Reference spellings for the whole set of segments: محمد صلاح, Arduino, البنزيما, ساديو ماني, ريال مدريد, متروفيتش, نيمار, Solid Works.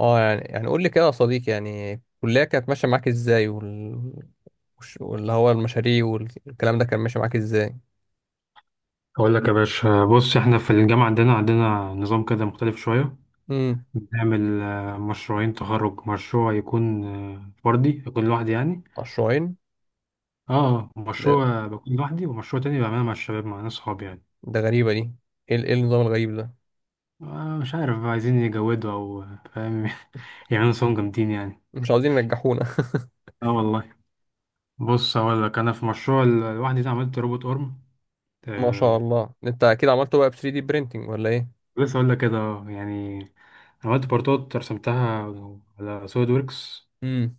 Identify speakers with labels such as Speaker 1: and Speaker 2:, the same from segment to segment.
Speaker 1: يعني قول لي كده يا صديقي، يعني الكلية كانت ماشية معاك ازاي واللي هو المشاريع والكلام ده كان ماشي معاك ازاي؟
Speaker 2: أقول لك يا باشا، بص إحنا في الجامعة عندنا نظام كده مختلف شوية.
Speaker 1: امم.
Speaker 2: بنعمل مشروعين تخرج، مشروع يكون فردي يكون لوحدي يعني.
Speaker 1: مشروعين.
Speaker 2: اه،
Speaker 1: ده
Speaker 2: مشروع بكون لوحدي ومشروع تاني بعمله مع الشباب، مع ناس صحابي يعني.
Speaker 1: ده غريبة دي. ايه النظام الغريب ده؟
Speaker 2: آه مش عارف بقى، عايزين يجودوا أو فاهم. يعملوا صوم جامدين يعني.
Speaker 1: مش عاوزين ينجحونا.
Speaker 2: اه والله. بص أقول لك، أنا في مشروع لوحدي ده عملت روبوت أرم.
Speaker 1: ما شاء
Speaker 2: آه
Speaker 1: الله انت اكيد عملته بقى ب 3D printing ولا ايه؟
Speaker 2: لسه أقول لك كده يعني. عملت بارتات رسمتها على سوليد ووركس،
Speaker 1: امم.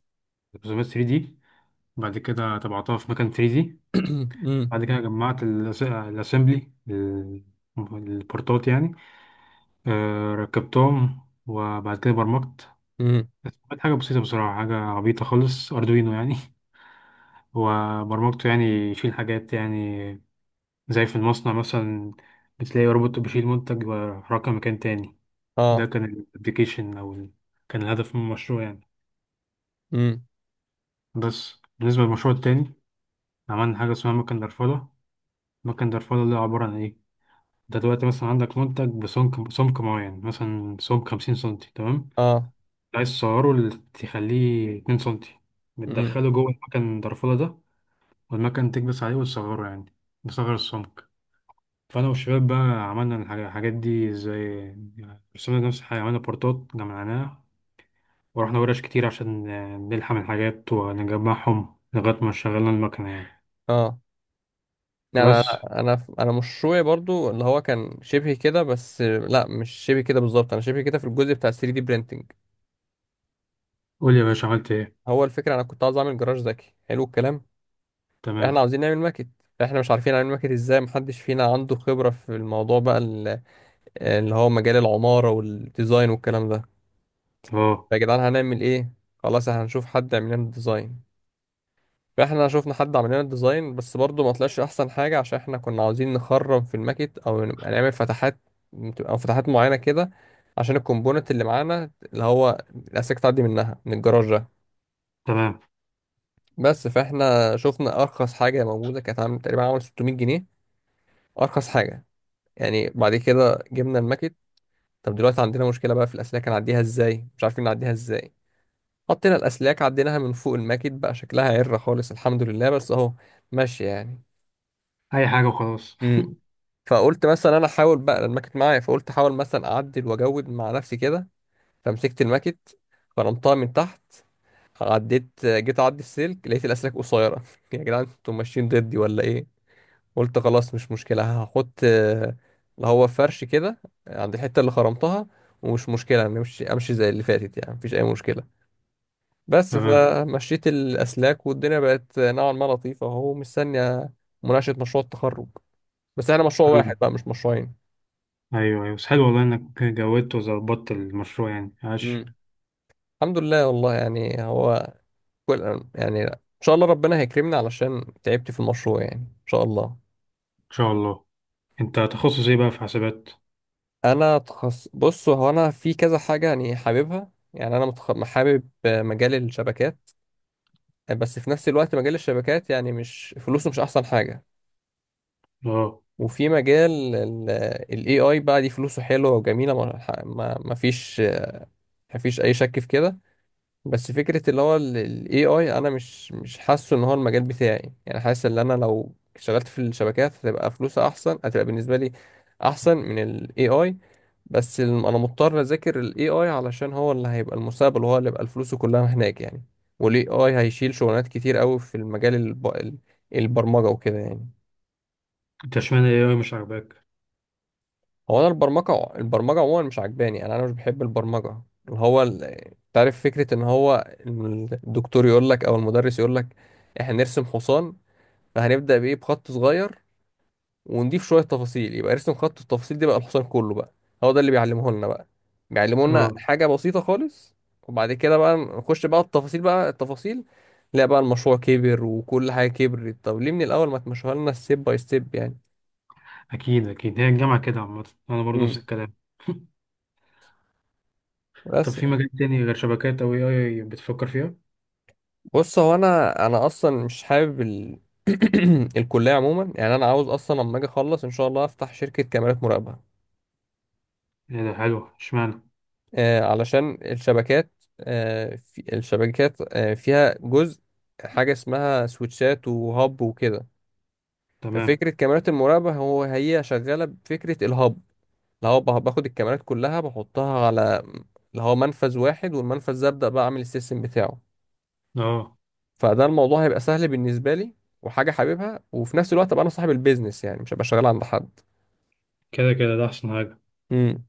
Speaker 2: رسومات 3D. بعد كده طبعتها في مكان 3D.
Speaker 1: امم،
Speaker 2: بعد كده جمعت الأسمبلي، البورتات يعني. ركبتهم. وبعد كده برمجت.
Speaker 1: امم.
Speaker 2: كانت حاجة بسيطة بصراحة، حاجة عبيطة خالص، أردوينو يعني. وبرمجته يعني يشيل حاجات يعني، زي في المصنع مثلا بتلاقي روبوت بيشيل منتج ويحركه مكان تاني. ده
Speaker 1: اه.
Speaker 2: كان الابليكيشن أو كان الهدف من المشروع يعني.
Speaker 1: امم.
Speaker 2: بس بالنسبة للمشروع التاني، عملنا حاجة اسمها مكن درفلة. مكن درفلة اللي عبارة عن إيه؟ انت دلوقتي مثلا عندك منتج بسمك، سمك معين، مثلا سمك 50 سنتي، تمام.
Speaker 1: اه.
Speaker 2: عايز تصغره، تخليه 2 سنتي.
Speaker 1: امم.
Speaker 2: بتدخله جوه المكن الدرفولة ده. والمكن تكبس عليه وتصغره يعني، بصغر السمك. فأنا والشباب بقى عملنا الحاجات دي، زي رسمنا نفس الحاجة، عملنا بورتات جمعناها. ورحنا ورش كتير عشان نلحم الحاجات ونجمعهم لغاية ما شغلنا المكنة يعني،
Speaker 1: اه. يعني انا،
Speaker 2: بس.
Speaker 1: انا مشروعي برضو اللي هو كان شبه كده، بس لا مش شبه كده بالظبط، انا شبه كده في الجزء بتاع 3D printing.
Speaker 2: قول يا باشا، عملت ايه؟
Speaker 1: هو الفكرة أنا كنت عاوز أعمل جراج ذكي، حلو الكلام. إحنا
Speaker 2: تمام.
Speaker 1: عاوزين نعمل ماكت. إحنا مش عارفين نعمل ماكت إزاي، محدش فينا عنده خبرة في الموضوع بقى اللي هو مجال العمارة والديزاين والكلام ده.
Speaker 2: اه،
Speaker 1: فيا جدعان هنعمل إيه؟ خلاص إحنا هنشوف حد يعمل لنا الديزاين. فإحنا شوفنا حد عمل لنا الديزاين بس برضه ما طلعش أحسن حاجة، عشان إحنا كنا عاوزين نخرم في الماكت أو نبقى نعمل فتحات، أو فتحات معينة كده، عشان الكومبوننت اللي معانا اللي هو الأسلاك تعدي منها من الجراج ده.
Speaker 2: تمام.
Speaker 1: بس فاحنا شفنا ارخص حاجه موجوده كانت عامل تقريبا عامل 600 جنيه، ارخص حاجه يعني. بعد كده جبنا الماكت، طب دلوقتي عندنا مشكله بقى في الاسلاك هنعديها ازاي؟ مش عارفين نعديها ازاي. حطينا الاسلاك عديناها من فوق الماكت، بقى شكلها عره خالص، الحمد لله بس اهو ماشي يعني.
Speaker 2: أي حاجة وخلاص.
Speaker 1: امم. فقلت مثلا انا احاول بقى الماكت معايا، فقلت احاول مثلا اعدل واجود مع نفسي كده. فمسكت الماكت فرمتها من تحت، عديت جيت اعدي السلك لقيت الاسلاك قصيره. يا جدعان انتوا ماشيين ضدي ولا ايه؟ قلت خلاص مش مشكلة، هحط اللي هو فرش كده عند الحتة اللي خرمتها، ومش مشكلة نمشي، أمشي زي اللي فاتت يعني، مفيش أي مشكلة. بس
Speaker 2: تمام.
Speaker 1: فمشيت الأسلاك والدنيا بقت نوعا ما لطيفة وهو مستنية مناقشة مشروع التخرج. بس احنا مشروع
Speaker 2: حلو.
Speaker 1: واحد بقى مش مشروعين.
Speaker 2: ايوه ايوه، بس حلو والله انك جودت وظبطت المشروع يعني، عاش.
Speaker 1: امم. الحمد لله والله، يعني هو كل، يعني إن شاء الله ربنا هيكرمني علشان تعبت في المشروع يعني، إن شاء الله.
Speaker 2: ان شاء الله. انت تخصص ايه بقى، في حسابات؟
Speaker 1: أنا بص، هو أنا في كذا حاجة يعني حاببها، يعني أنا حابب مجال الشبكات. بس في نفس الوقت مجال الشبكات يعني مش فلوسه مش احسن حاجة.
Speaker 2: اه،
Speaker 1: وفي مجال الاي اي بقى دي فلوسه حلوة وجميلة، ما فيش اي شك في كده. بس فكرة اللي هو الاي اي انا مش حاسه ان هو المجال بتاعي، يعني حاسس ان انا لو اشتغلت في الشبكات هتبقى فلوسها احسن، هتبقى بالنسبة لي احسن من الاي اي. بس انا مضطر اذاكر الاي اي علشان هو اللي هيبقى المستقبل وهو اللي هيبقى فلوسه كلها هناك يعني. والاي اي هيشيل شغلانات كتير قوي في المجال البرمجه وكده يعني.
Speaker 2: انت اشمعنى ايه أوي مش عاجباك؟
Speaker 1: هو انا البرمجه عموما مش عجباني، انا مش بحب البرمجه. اللي هو تعرف فكره ان هو الدكتور يقول لك او المدرس يقول لك احنا نرسم حصان، فهنبدا بايه؟ بخط صغير ونضيف شويه تفاصيل، يبقى رسم خط، التفاصيل دي بقى الحصان كله بقى. هو ده اللي بيعلمه لنا بقى، بيعلمه لنا
Speaker 2: اه
Speaker 1: حاجه بسيطه خالص. وبعد كده بقى نخش بقى التفاصيل، لا بقى المشروع كبر وكل حاجه كبرت. طب ليه من الاول ما تمشوها لنا ستيب باي ستيب يعني؟
Speaker 2: اكيد اكيد، هي الجامعه كده عامه، انا برضه نفس
Speaker 1: امم.
Speaker 2: الكلام. طب
Speaker 1: بس.
Speaker 2: في مجال تاني غير شبكات او اي اي بتفكر فيها؟
Speaker 1: بص هو انا اصلا مش حابب الكليه عموما يعني، انا عاوز اصلا لما اجي اخلص ان شاء الله افتح شركه كاميرات مراقبه.
Speaker 2: ايه ده حلو، اشمعنى؟
Speaker 1: علشان الشبكات، في الشبكات فيها جزء، حاجة اسمها سويتشات وهاب وكده.
Speaker 2: تمام.
Speaker 1: ففكرة كاميرات المراقبة هو هي شغالة بفكرة الهاب، اللي هو باخد الكاميرات كلها بحطها على اللي هو منفذ واحد، والمنفذ ده أبدأ بقى أعمل السيستم بتاعه.
Speaker 2: اه
Speaker 1: فده الموضوع هيبقى سهل بالنسبة لي، وحاجة حاببها، وفي نفس الوقت أبقى أنا صاحب البيزنس يعني مش هبقى شغال عند حد.
Speaker 2: كده كده، ده احسن حاجه.
Speaker 1: امم.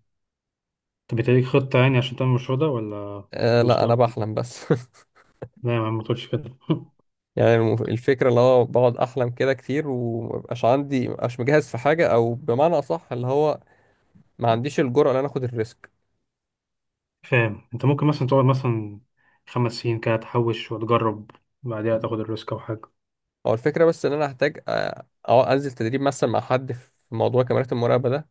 Speaker 2: طب انت ليك خطه يعني عشان تعمل المشروع ده ولا؟ في
Speaker 1: آه لا أنا
Speaker 2: المستقبل؟
Speaker 1: بحلم بس.
Speaker 2: لا يا عم، ما تقولش كده.
Speaker 1: يعني الفكرة اللي هو بقعد أحلم كده كتير ومبقاش عندي، مبقاش مجهز في حاجة، أو بمعنى أصح اللي هو ما عنديش الجرأة إن أنا آخد الريسك.
Speaker 2: فاهم، انت ممكن مثلا تقعد مثلا 5 سنين كده تحوش وتجرب، بعدها تاخد الريسك او حاجه.
Speaker 1: هو الفكرة بس إن أنا هحتاج أو أنزل تدريب مثلا مع حد في موضوع كاميرات المراقبة ده،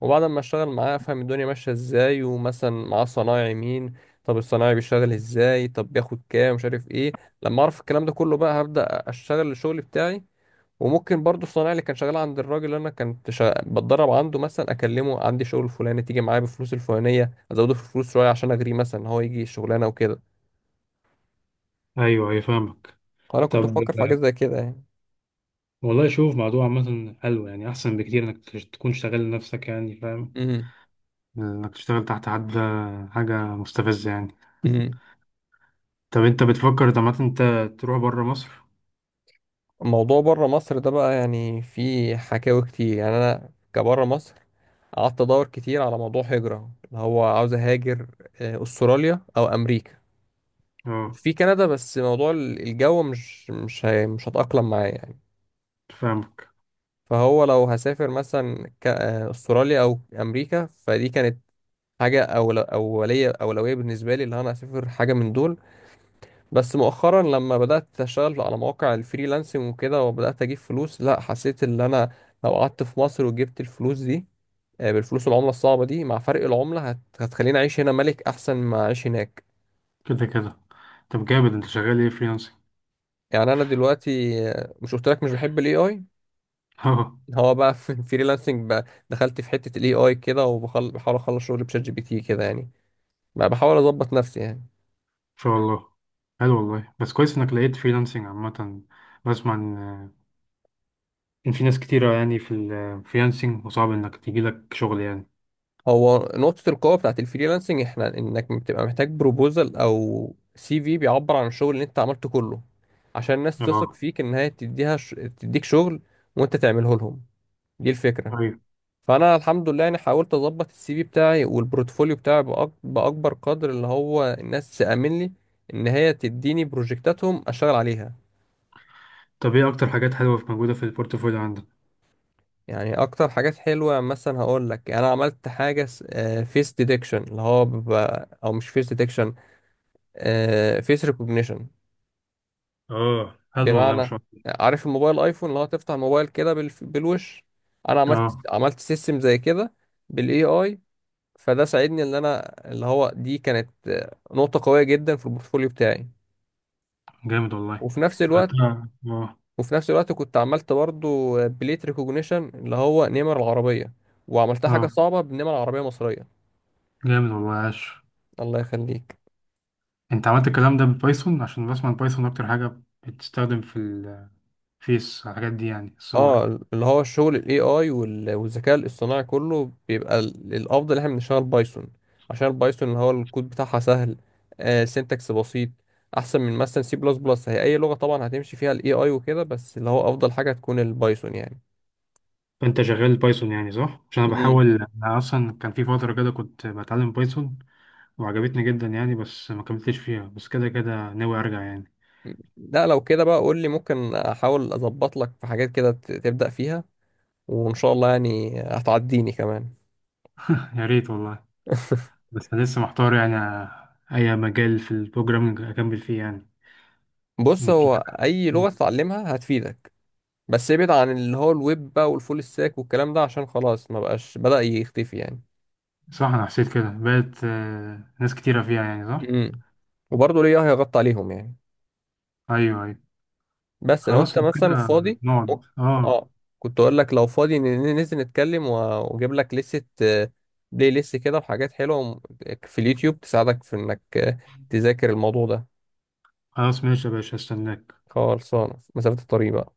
Speaker 1: وبعد ما أشتغل معاه أفهم الدنيا ماشية إزاي، ومثلا معاه صنايعي مين، طب الصنايعي بيشتغل إزاي، طب بياخد كام مش عارف إيه. لما أعرف الكلام ده كله بقى هبدأ أشتغل الشغل بتاعي. وممكن برضو الصنايعي اللي كان شغال عند الراجل اللي انا كنت بتدرب عنده، مثلا اكلمه عندي شغل فلاني تيجي معايا بالفلوس الفلانيه، ازوده في الفلوس شويه عشان اغريه مثلا ان هو يجي الشغلانه وكده.
Speaker 2: ايوه ايوه فاهمك.
Speaker 1: فانا كنت
Speaker 2: طب
Speaker 1: بفكر في حاجات زي كده يعني.
Speaker 2: والله شوف، موضوع عامة حلو يعني، احسن بكتير انك تكون شغال لنفسك يعني، فاهم.
Speaker 1: امم.
Speaker 2: انك تشتغل تحت حد حاجة مستفزة يعني.
Speaker 1: امم.
Speaker 2: طب انت بتفكر طب عامة انت تروح بره مصر؟
Speaker 1: الموضوع بره مصر ده بقى يعني فيه حكاوي كتير يعني. انا كبره مصر قعدت ادور كتير على موضوع هجره اللي هو عاوز اهاجر، استراليا او امريكا،
Speaker 2: اه،
Speaker 1: في كندا بس موضوع الجو مش هتأقلم معايا.
Speaker 2: فاهمك.
Speaker 1: فهو لو هسافر مثلا استراليا او امريكا، فدي كانت حاجه أول اوليه اولويه بالنسبه لي، اللي انا اسافر حاجه من دول. بس مؤخرا لما بدات اشتغل على مواقع الفريلانسنج وكده وبدات اجيب فلوس، لا حسيت ان انا لو قعدت في مصر وجبت الفلوس دي، بالفلوس العمله الصعبه دي مع فرق العمله هتخليني اعيش هنا ملك احسن ما اعيش هناك.
Speaker 2: كده كده. طب جامد، انت شغال ايه فريلانسنج؟
Speaker 1: يعني انا دلوقتي، مش قلت لك مش بحب الاي اي؟
Speaker 2: اه ان
Speaker 1: هو بقى في الفريلانسنج بقى دخلت في حته الاي اي كده، وبحاول اخلص شغل بشات جي بي تي كده يعني، ما بحاول اظبط نفسي يعني.
Speaker 2: شاء الله. حلو والله، بس كويس انك لقيت فريلانسنج عامة. بسمع ان في ناس كتيرة يعني في الفريلانسنج، وصعب انك تجيلك شغل يعني.
Speaker 1: هو نقطة القوة بتاعت الفريلانسنج احنا انك بتبقى محتاج بروبوزل او سي في بيعبر عن الشغل اللي انت عملته كله عشان الناس تثق
Speaker 2: اه،
Speaker 1: فيك ان هي تديك شغل وانت تعمله لهم، دي الفكرة.
Speaker 2: ايوه.
Speaker 1: فانا الحمد لله يعني حاولت اظبط السي في بتاعي والبورتفوليو بتاعي باكبر قدر، اللي هو الناس تأمن لي ان هي تديني بروجكتاتهم اشتغل عليها.
Speaker 2: طب ايه اكتر حاجات حلوه في موجوده في البورتفوليو عندك؟
Speaker 1: يعني اكتر حاجات حلوه مثلا هقول لك، انا عملت حاجه فيس ديتكشن اللي هو بيبقى، او مش فيس ديتكشن، فيس ريكوجنيشن.
Speaker 2: اه حلو والله ما
Speaker 1: بمعنى
Speaker 2: شاء الله.
Speaker 1: عارف الموبايل ايفون اللي هو تفتح الموبايل كده بالوش؟ انا عملت
Speaker 2: اه
Speaker 1: عملت سيستم زي كده بالاي اي. فده ساعدني ان انا اللي هو دي كانت نقطه قويه جدا في البورتفوليو بتاعي.
Speaker 2: جامد والله.
Speaker 1: وفي نفس الوقت
Speaker 2: عملتها، اه.
Speaker 1: وفي نفس الوقت كنت عملت برضو بليت ريكوجنيشن اللي هو نمر العربيه، وعملتها حاجه
Speaker 2: اه
Speaker 1: صعبه بنمر عربيه مصريه.
Speaker 2: جامد والله، عاش.
Speaker 1: الله يخليك.
Speaker 2: انت عملت الكلام ده بالبايثون؟ عشان بسمع البايثون اكتر حاجه بتستخدم في الفيس، الحاجات دي يعني، الصور.
Speaker 1: اه اللي هو الشغل الاي اي والذكاء الاصطناعي كله بيبقى الافضل احنا بنشتغل بايثون، عشان البايثون اللي هو الكود بتاعها سهل، سينتاكس بسيط، احسن من مثلا سي بلس بلس. هي اي لغة طبعا هتمشي فيها الاي اي وكده بس اللي هو افضل حاجة تكون البايثون يعني.
Speaker 2: فانت شغال بايثون يعني صح؟ عشان انا
Speaker 1: امم.
Speaker 2: بحاول، انا اصلا كان في فتره كده كنت بتعلم بايثون وعجبتني جدا يعني، بس ما كملتش فيها، بس كده كده ناوي ارجع يعني.
Speaker 1: لا لو كده بقى قول لي، ممكن احاول اظبط لك في حاجات كده تبدأ فيها، وان شاء الله يعني هتعديني كمان.
Speaker 2: يا ريت والله. بس أنا لسه محتار يعني، أي مجال في البروجرامينج أكمل فيه يعني.
Speaker 1: بص
Speaker 2: إن في.
Speaker 1: هو اي لغة تتعلمها هتفيدك، بس ابعد عن اللي هو الويب بقى والفول ستاك والكلام ده عشان خلاص ما بقاش، بدأ يختفي يعني.
Speaker 2: صح، أنا حسيت كده بقت ناس كتيرة فيها يعني، صح؟
Speaker 1: امم. وبرضه ليه هيغطي عليهم يعني.
Speaker 2: أيوه أيوه.
Speaker 1: بس لو انت
Speaker 2: خلاص لو
Speaker 1: مثلا
Speaker 2: كده،
Speaker 1: فاضي
Speaker 2: نقعد
Speaker 1: ممكن-
Speaker 2: أه.
Speaker 1: اه، كنت اقول لك لو فاضي ننزل نتكلم واجيب لك لستة، بلاي ليست كده وحاجات حلوة في اليوتيوب تساعدك في انك تذاكر الموضوع ده.
Speaker 2: خلاص ماشي يا باشا، هستناك.
Speaker 1: خلصانة مسافة الطريق بقى.